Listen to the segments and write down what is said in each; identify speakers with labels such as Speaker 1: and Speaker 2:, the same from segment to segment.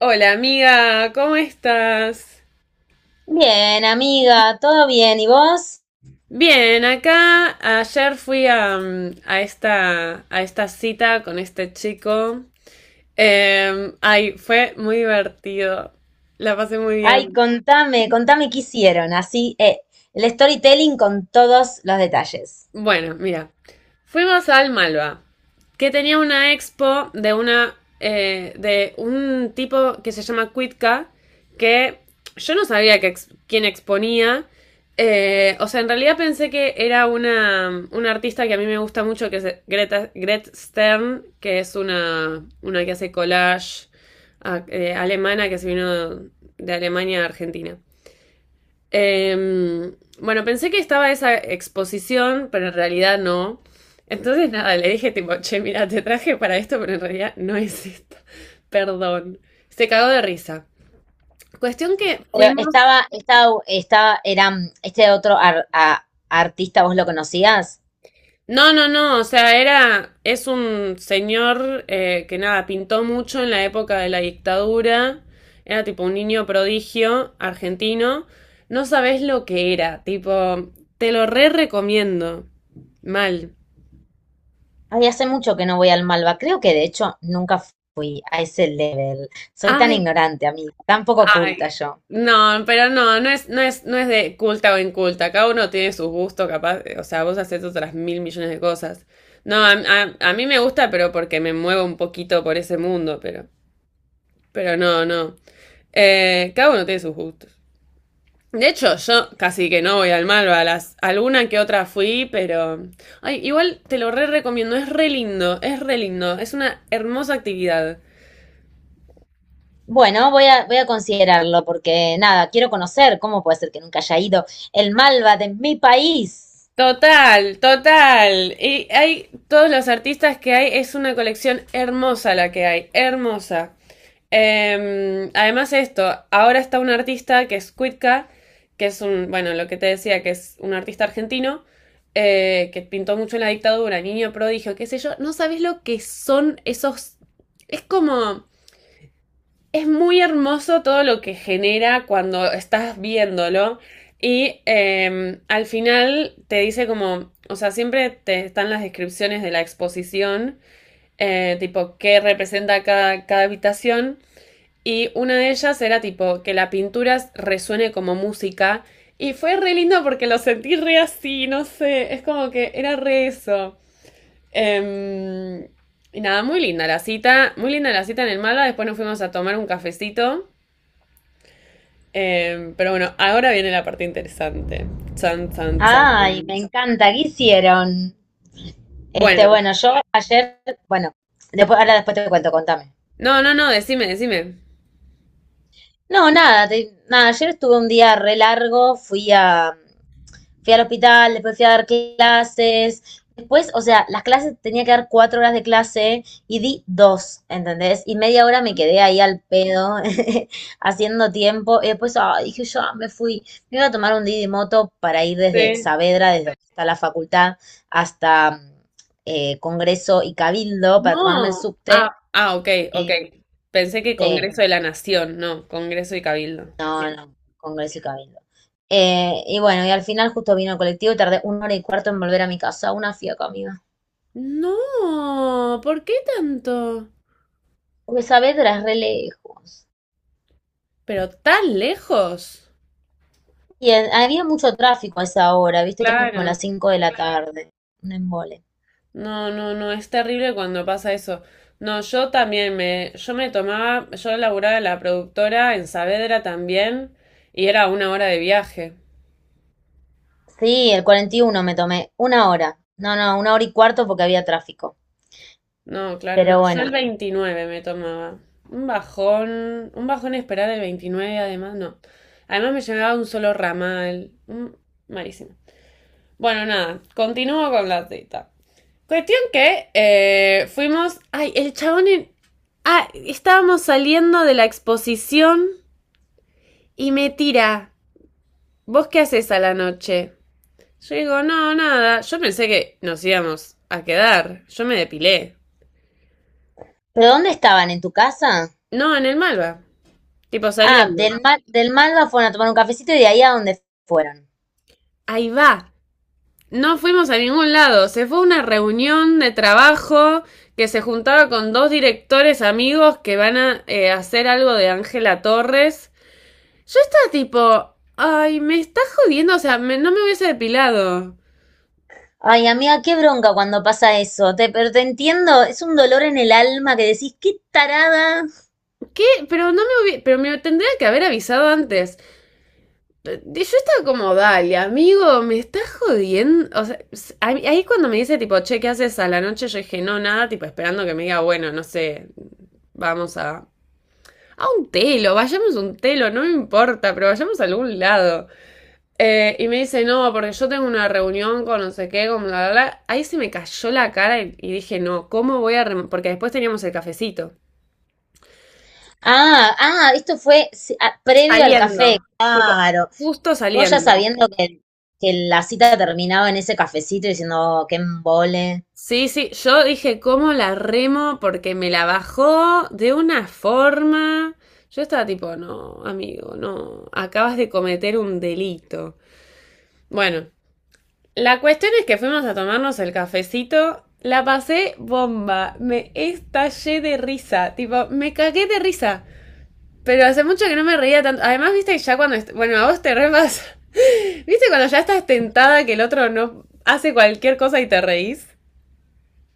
Speaker 1: Hola amiga, ¿cómo estás?
Speaker 2: Bien, amiga, todo bien. ¿Y vos?
Speaker 1: Bien, acá ayer fui a, a esta cita con este chico. Ay, fue muy divertido. La pasé muy
Speaker 2: Ay,
Speaker 1: bien.
Speaker 2: contame qué hicieron. Así, el storytelling con todos los detalles.
Speaker 1: Bueno, mira, fuimos al Malva, que tenía una expo de una de un tipo que se llama Quitka, que yo no sabía que quién exponía. O sea, en realidad pensé que era una artista que a mí me gusta mucho, que es Greta, Gret Stern, que es una que hace collage alemana que se vino de Alemania a Argentina. Em, bueno, pensé que estaba esa exposición, pero en realidad no. Entonces, nada, le dije tipo, che, mira, te traje para esto, pero en realidad no es esta. Perdón. Se cagó de risa. Cuestión que
Speaker 2: Pero
Speaker 1: fuimos...
Speaker 2: estaba, era este otro artista, ¿vos lo conocías?
Speaker 1: No, no, no, o sea, era... Es un señor que nada, pintó mucho en la época de la dictadura. Era tipo un niño prodigio argentino. No sabés lo que era, tipo, te lo re recomiendo. Mal.
Speaker 2: Ay, hace mucho que no voy al Malva. Creo que de hecho nunca fui a ese level. Soy tan
Speaker 1: Ay,
Speaker 2: ignorante, amiga, tan poco oculta
Speaker 1: ay,
Speaker 2: yo.
Speaker 1: no, pero no, no es, no es de culta o inculta. Cada uno tiene sus gustos, capaz. O sea, vos haces otras mil millones de cosas. No, a mí me gusta, pero porque me muevo un poquito por ese mundo, pero no, no. Cada uno tiene sus gustos. De hecho, yo casi que no voy al Malva, a las, alguna que otra fui, pero... Ay, igual te lo re recomiendo, es re lindo, es re lindo, es una hermosa actividad.
Speaker 2: Bueno, voy a considerarlo porque nada, quiero conocer cómo puede ser que nunca haya ido el Malva de mi país.
Speaker 1: Total, total. Y hay todos los artistas que hay, es una colección hermosa la que hay, hermosa. Además esto, ahora está un artista que es Cuitca, que es un, bueno, lo que te decía, que es un artista argentino, que pintó mucho en la dictadura, niño prodigio, qué sé yo, no sabes lo que son esos, es como es muy hermoso todo lo que genera cuando estás viéndolo. Y al final te dice como, o sea, siempre te están las descripciones de la exposición, tipo qué representa cada, cada habitación. Y una de ellas era tipo que la pintura resuene como música. Y fue re lindo porque lo sentí re así, no sé, es como que era re eso. Em, y nada, muy linda la cita, muy linda la cita en el Malva. Después nos fuimos a tomar un cafecito pero bueno, ahora viene la parte interesante. Chan, chan, chan.
Speaker 2: Ay, me encanta, ¿qué hicieron? Este,
Speaker 1: Bueno,
Speaker 2: bueno, yo ayer, bueno, después, ahora después te cuento, contame.
Speaker 1: no, no, no, decime, decime.
Speaker 2: No, nada, ayer estuve un día re largo, fui al hospital, después fui a dar clases. Después, o sea, las clases tenía que dar 4 horas de clase y di dos, ¿entendés? Y media hora me quedé ahí al pedo haciendo tiempo. Y después dije, yo me fui, me iba a tomar un Didi Moto para ir desde
Speaker 1: Sí.
Speaker 2: Saavedra, desde donde está la facultad, hasta Congreso y Cabildo para tomarme el
Speaker 1: No.
Speaker 2: subte.
Speaker 1: Ah, ah, ok, ok.
Speaker 2: Eh,
Speaker 1: Pensé que
Speaker 2: sí,
Speaker 1: Congreso de la Nación, no, Congreso y Cabildo.
Speaker 2: no,
Speaker 1: Bien.
Speaker 2: no, Congreso y Cabildo. Y bueno, y al final justo vino el colectivo y tardé una hora y cuarto en volver a mi casa, una fiaca, amiga.
Speaker 1: No, ¿por qué tanto?
Speaker 2: Porque Saavedra es re lejos.
Speaker 1: Pero tan lejos.
Speaker 2: Y había mucho tráfico a esa hora, viste que eran como
Speaker 1: Claro.
Speaker 2: las 5 de la tarde. Un embole.
Speaker 1: No, no, no, es terrible cuando pasa eso. No, yo también yo me tomaba, yo laburaba en la productora en Saavedra también y era una hora de viaje.
Speaker 2: Sí, el 41 me tomé. Una hora. No, no, una hora y cuarto porque había tráfico.
Speaker 1: No, claro, no.
Speaker 2: Pero
Speaker 1: Yo
Speaker 2: bueno.
Speaker 1: el 29 me tomaba. Un bajón esperar el 29, además, no. Además me llegaba un solo ramal. Malísimo. Bueno, nada, continúo con la cita. Cuestión que fuimos... Ay, el chabón... Ah, estábamos saliendo de la exposición y me tira. ¿Vos qué haces a la noche? Yo digo, no, nada. Yo pensé que nos íbamos a quedar. Yo me depilé.
Speaker 2: ¿Pero dónde estaban? ¿En tu casa?
Speaker 1: No, en el Malva. Tipo
Speaker 2: Ah,
Speaker 1: saliendo.
Speaker 2: del Malva fueron a tomar un cafecito y de ahí a donde fueron.
Speaker 1: Ahí va. No fuimos a ningún lado. Se fue a una reunión de trabajo que se juntaba con dos directores amigos que van a hacer algo de Ángela Torres. Yo estaba tipo, ay, me está jodiendo, o sea, no me hubiese depilado.
Speaker 2: Ay, amiga, qué bronca cuando pasa eso. Pero te entiendo, es un dolor en el alma que decís, qué tarada.
Speaker 1: ¿Qué? Pero no me hubiese, pero me tendría que haber avisado antes. Yo estaba como, dale, amigo, me está jodiendo. O sea, ahí cuando me dice tipo, che, ¿qué haces a la noche? Yo dije, no, nada, tipo esperando que me diga, bueno, no sé, vamos a un telo, vayamos a un telo, no me importa, pero vayamos a algún lado. Y me dice, no, porque yo tengo una reunión con no sé qué, con bla, bla, bla. Ahí se me cayó la cara y dije, no, ¿cómo voy a...? Rem-?" Porque después teníamos el cafecito.
Speaker 2: Esto fue sí, previo al café.
Speaker 1: Saliendo, tipo,
Speaker 2: Claro.
Speaker 1: justo
Speaker 2: Luego ya
Speaker 1: saliendo.
Speaker 2: sabiendo que, la cita terminaba en ese cafecito diciendo, que embole.
Speaker 1: Sí, sí, yo dije, ¿cómo la remo? Porque me la bajó de una forma... Yo estaba tipo, no, amigo, no, acabas de cometer un delito. Bueno, la cuestión es que fuimos a tomarnos el cafecito. La pasé bomba. Me estallé de risa. Tipo, me cagué de risa. Pero hace mucho que no me reía tanto. Además, viste, ya cuando. Bueno, a vos te re pasa. ¿Viste cuando ya estás tentada que el otro no hace cualquier cosa y te reís?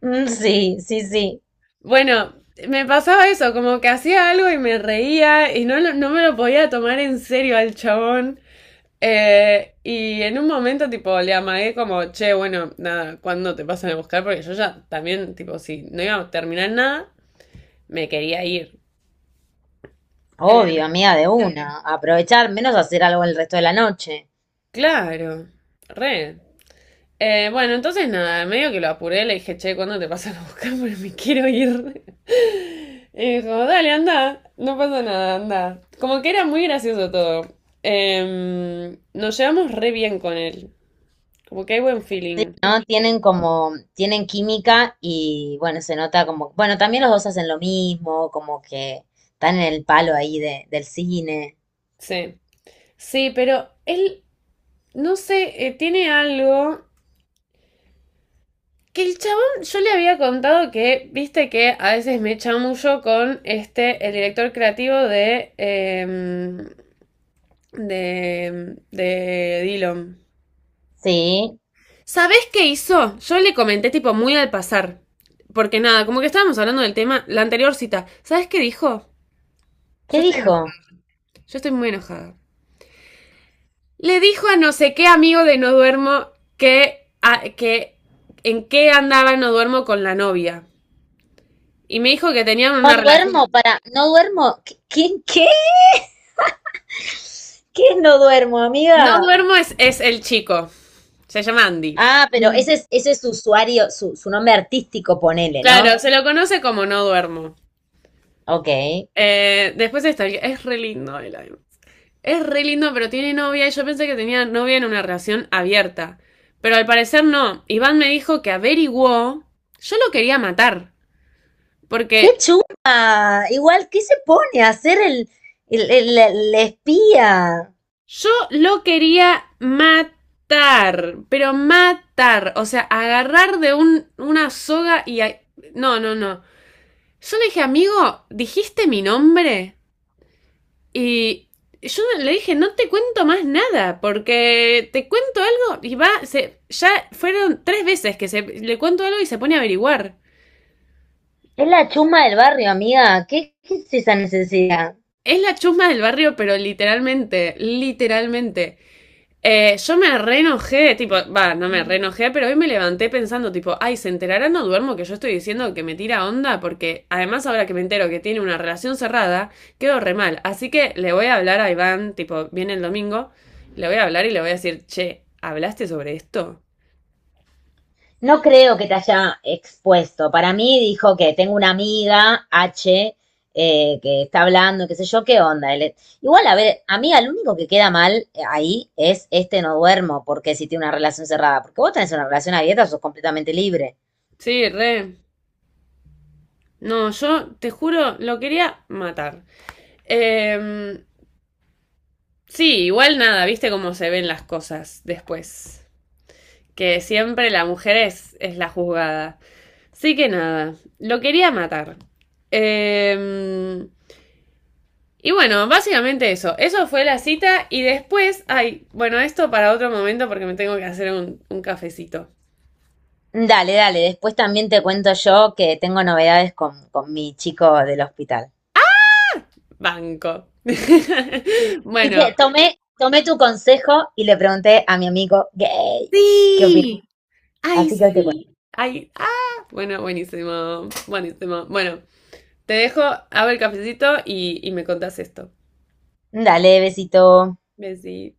Speaker 2: Mm, sí, sí, sí.
Speaker 1: Bueno, me pasaba eso, como que hacía algo y me reía y no, no me lo podía tomar en serio al chabón. Y en un momento, tipo, le amagué como, che, bueno, nada, ¿cuándo te pasan a buscar? Porque yo ya también, tipo, si no iba a terminar nada, me quería ir. Eh,
Speaker 2: Obvio, amiga de una. Aprovechar, menos hacer algo el resto de la noche.
Speaker 1: claro, re. Bueno, entonces nada, medio que lo apuré, le dije, che, ¿cuándo te pasan a buscar? Porque me quiero ir. Y dijo, dale, anda, no pasa nada, anda. Como que era muy gracioso todo. Nos llevamos re bien con él. Como que hay buen feeling.
Speaker 2: ¿No? Tienen como, tienen química y bueno, se nota como, bueno, también los dos hacen lo mismo, como que están en el palo ahí del cine.
Speaker 1: Sí. Sí, pero él no sé, tiene algo que el chabón, yo le había contado que, viste que a veces me chamuyo con este, el director creativo de, de Dillon.
Speaker 2: Sí.
Speaker 1: ¿Sabés qué hizo? Yo le comenté tipo muy al pasar. Porque nada, como que estábamos hablando del tema, la anterior cita. ¿Sabés qué dijo? Yo
Speaker 2: ¿Qué
Speaker 1: estoy
Speaker 2: dijo?
Speaker 1: enojada. Yo estoy muy enojada. Le dijo a no sé qué amigo de No Duermo que en qué andaba No Duermo con la novia. Y me dijo que tenían
Speaker 2: No
Speaker 1: una relación.
Speaker 2: duermo para, no duermo. ¿Qué? ¿Qué? ¿Qué es no duermo,
Speaker 1: No
Speaker 2: amiga?
Speaker 1: duermo es el chico. Se llama Andy.
Speaker 2: Ah, pero ese es su usuario, su nombre artístico, ponele, ¿no?
Speaker 1: Claro, se lo conoce como no duermo.
Speaker 2: Ok.
Speaker 1: Después está, es re lindo el es re lindo, pero tiene novia y yo pensé que tenía novia en una relación abierta. Pero al parecer no. Iván me dijo que averiguó. Yo lo quería matar.
Speaker 2: ¡Qué
Speaker 1: Porque
Speaker 2: chuma! Igual, ¿qué se pone a hacer el espía?
Speaker 1: yo lo quería matar. Pero matar. O sea, agarrar de un, una soga y... No, no, no. Yo le dije, amigo, dijiste mi nombre y yo le dije, no te cuento más nada, porque te cuento algo y va, se, ya fueron tres veces que se, le cuento algo y se pone a averiguar.
Speaker 2: Es la chuma del barrio, amiga. ¿Qué es esa necesidad?
Speaker 1: Es la chusma del barrio, pero literalmente, literalmente. Yo me reenojé, tipo, va, no me reenojé, pero hoy me levanté pensando, tipo, ay, ¿se enterará no duermo que yo estoy diciendo que me tira onda? Porque además ahora que me entero que tiene una relación cerrada, quedo re mal. Así que le voy a hablar a Iván, tipo, viene el domingo, le voy a hablar y le voy a decir, che, ¿hablaste sobre esto?
Speaker 2: No creo que te haya expuesto. Para mí dijo que tengo una amiga, H, que está hablando, qué sé yo, qué onda. Igual, a ver, amiga, lo único que queda mal ahí es este no duermo, porque si tiene una relación cerrada, porque vos tenés una relación abierta, sos completamente libre.
Speaker 1: Sí, re. No, yo te juro, lo quería matar. Eh, sí, igual nada, viste cómo se ven las cosas después. Que siempre la mujer es la juzgada. Así que nada, lo quería matar. Eh, y bueno, básicamente eso. Eso fue la cita y después, ay, bueno, esto para otro momento porque me tengo que hacer un cafecito.
Speaker 2: Dale, dale, después también te cuento yo que tengo novedades con mi chico del hospital.
Speaker 1: Banco. Bueno,
Speaker 2: Tomé tu consejo y le pregunté a mi amigo gay qué opina.
Speaker 1: sí, ay,
Speaker 2: Así que hoy te cuento.
Speaker 1: sí. Ay, ah, bueno, buenísimo, buenísimo. Bueno, te dejo, hago el cafecito y me contás esto.
Speaker 2: Dale, besito.
Speaker 1: Besí.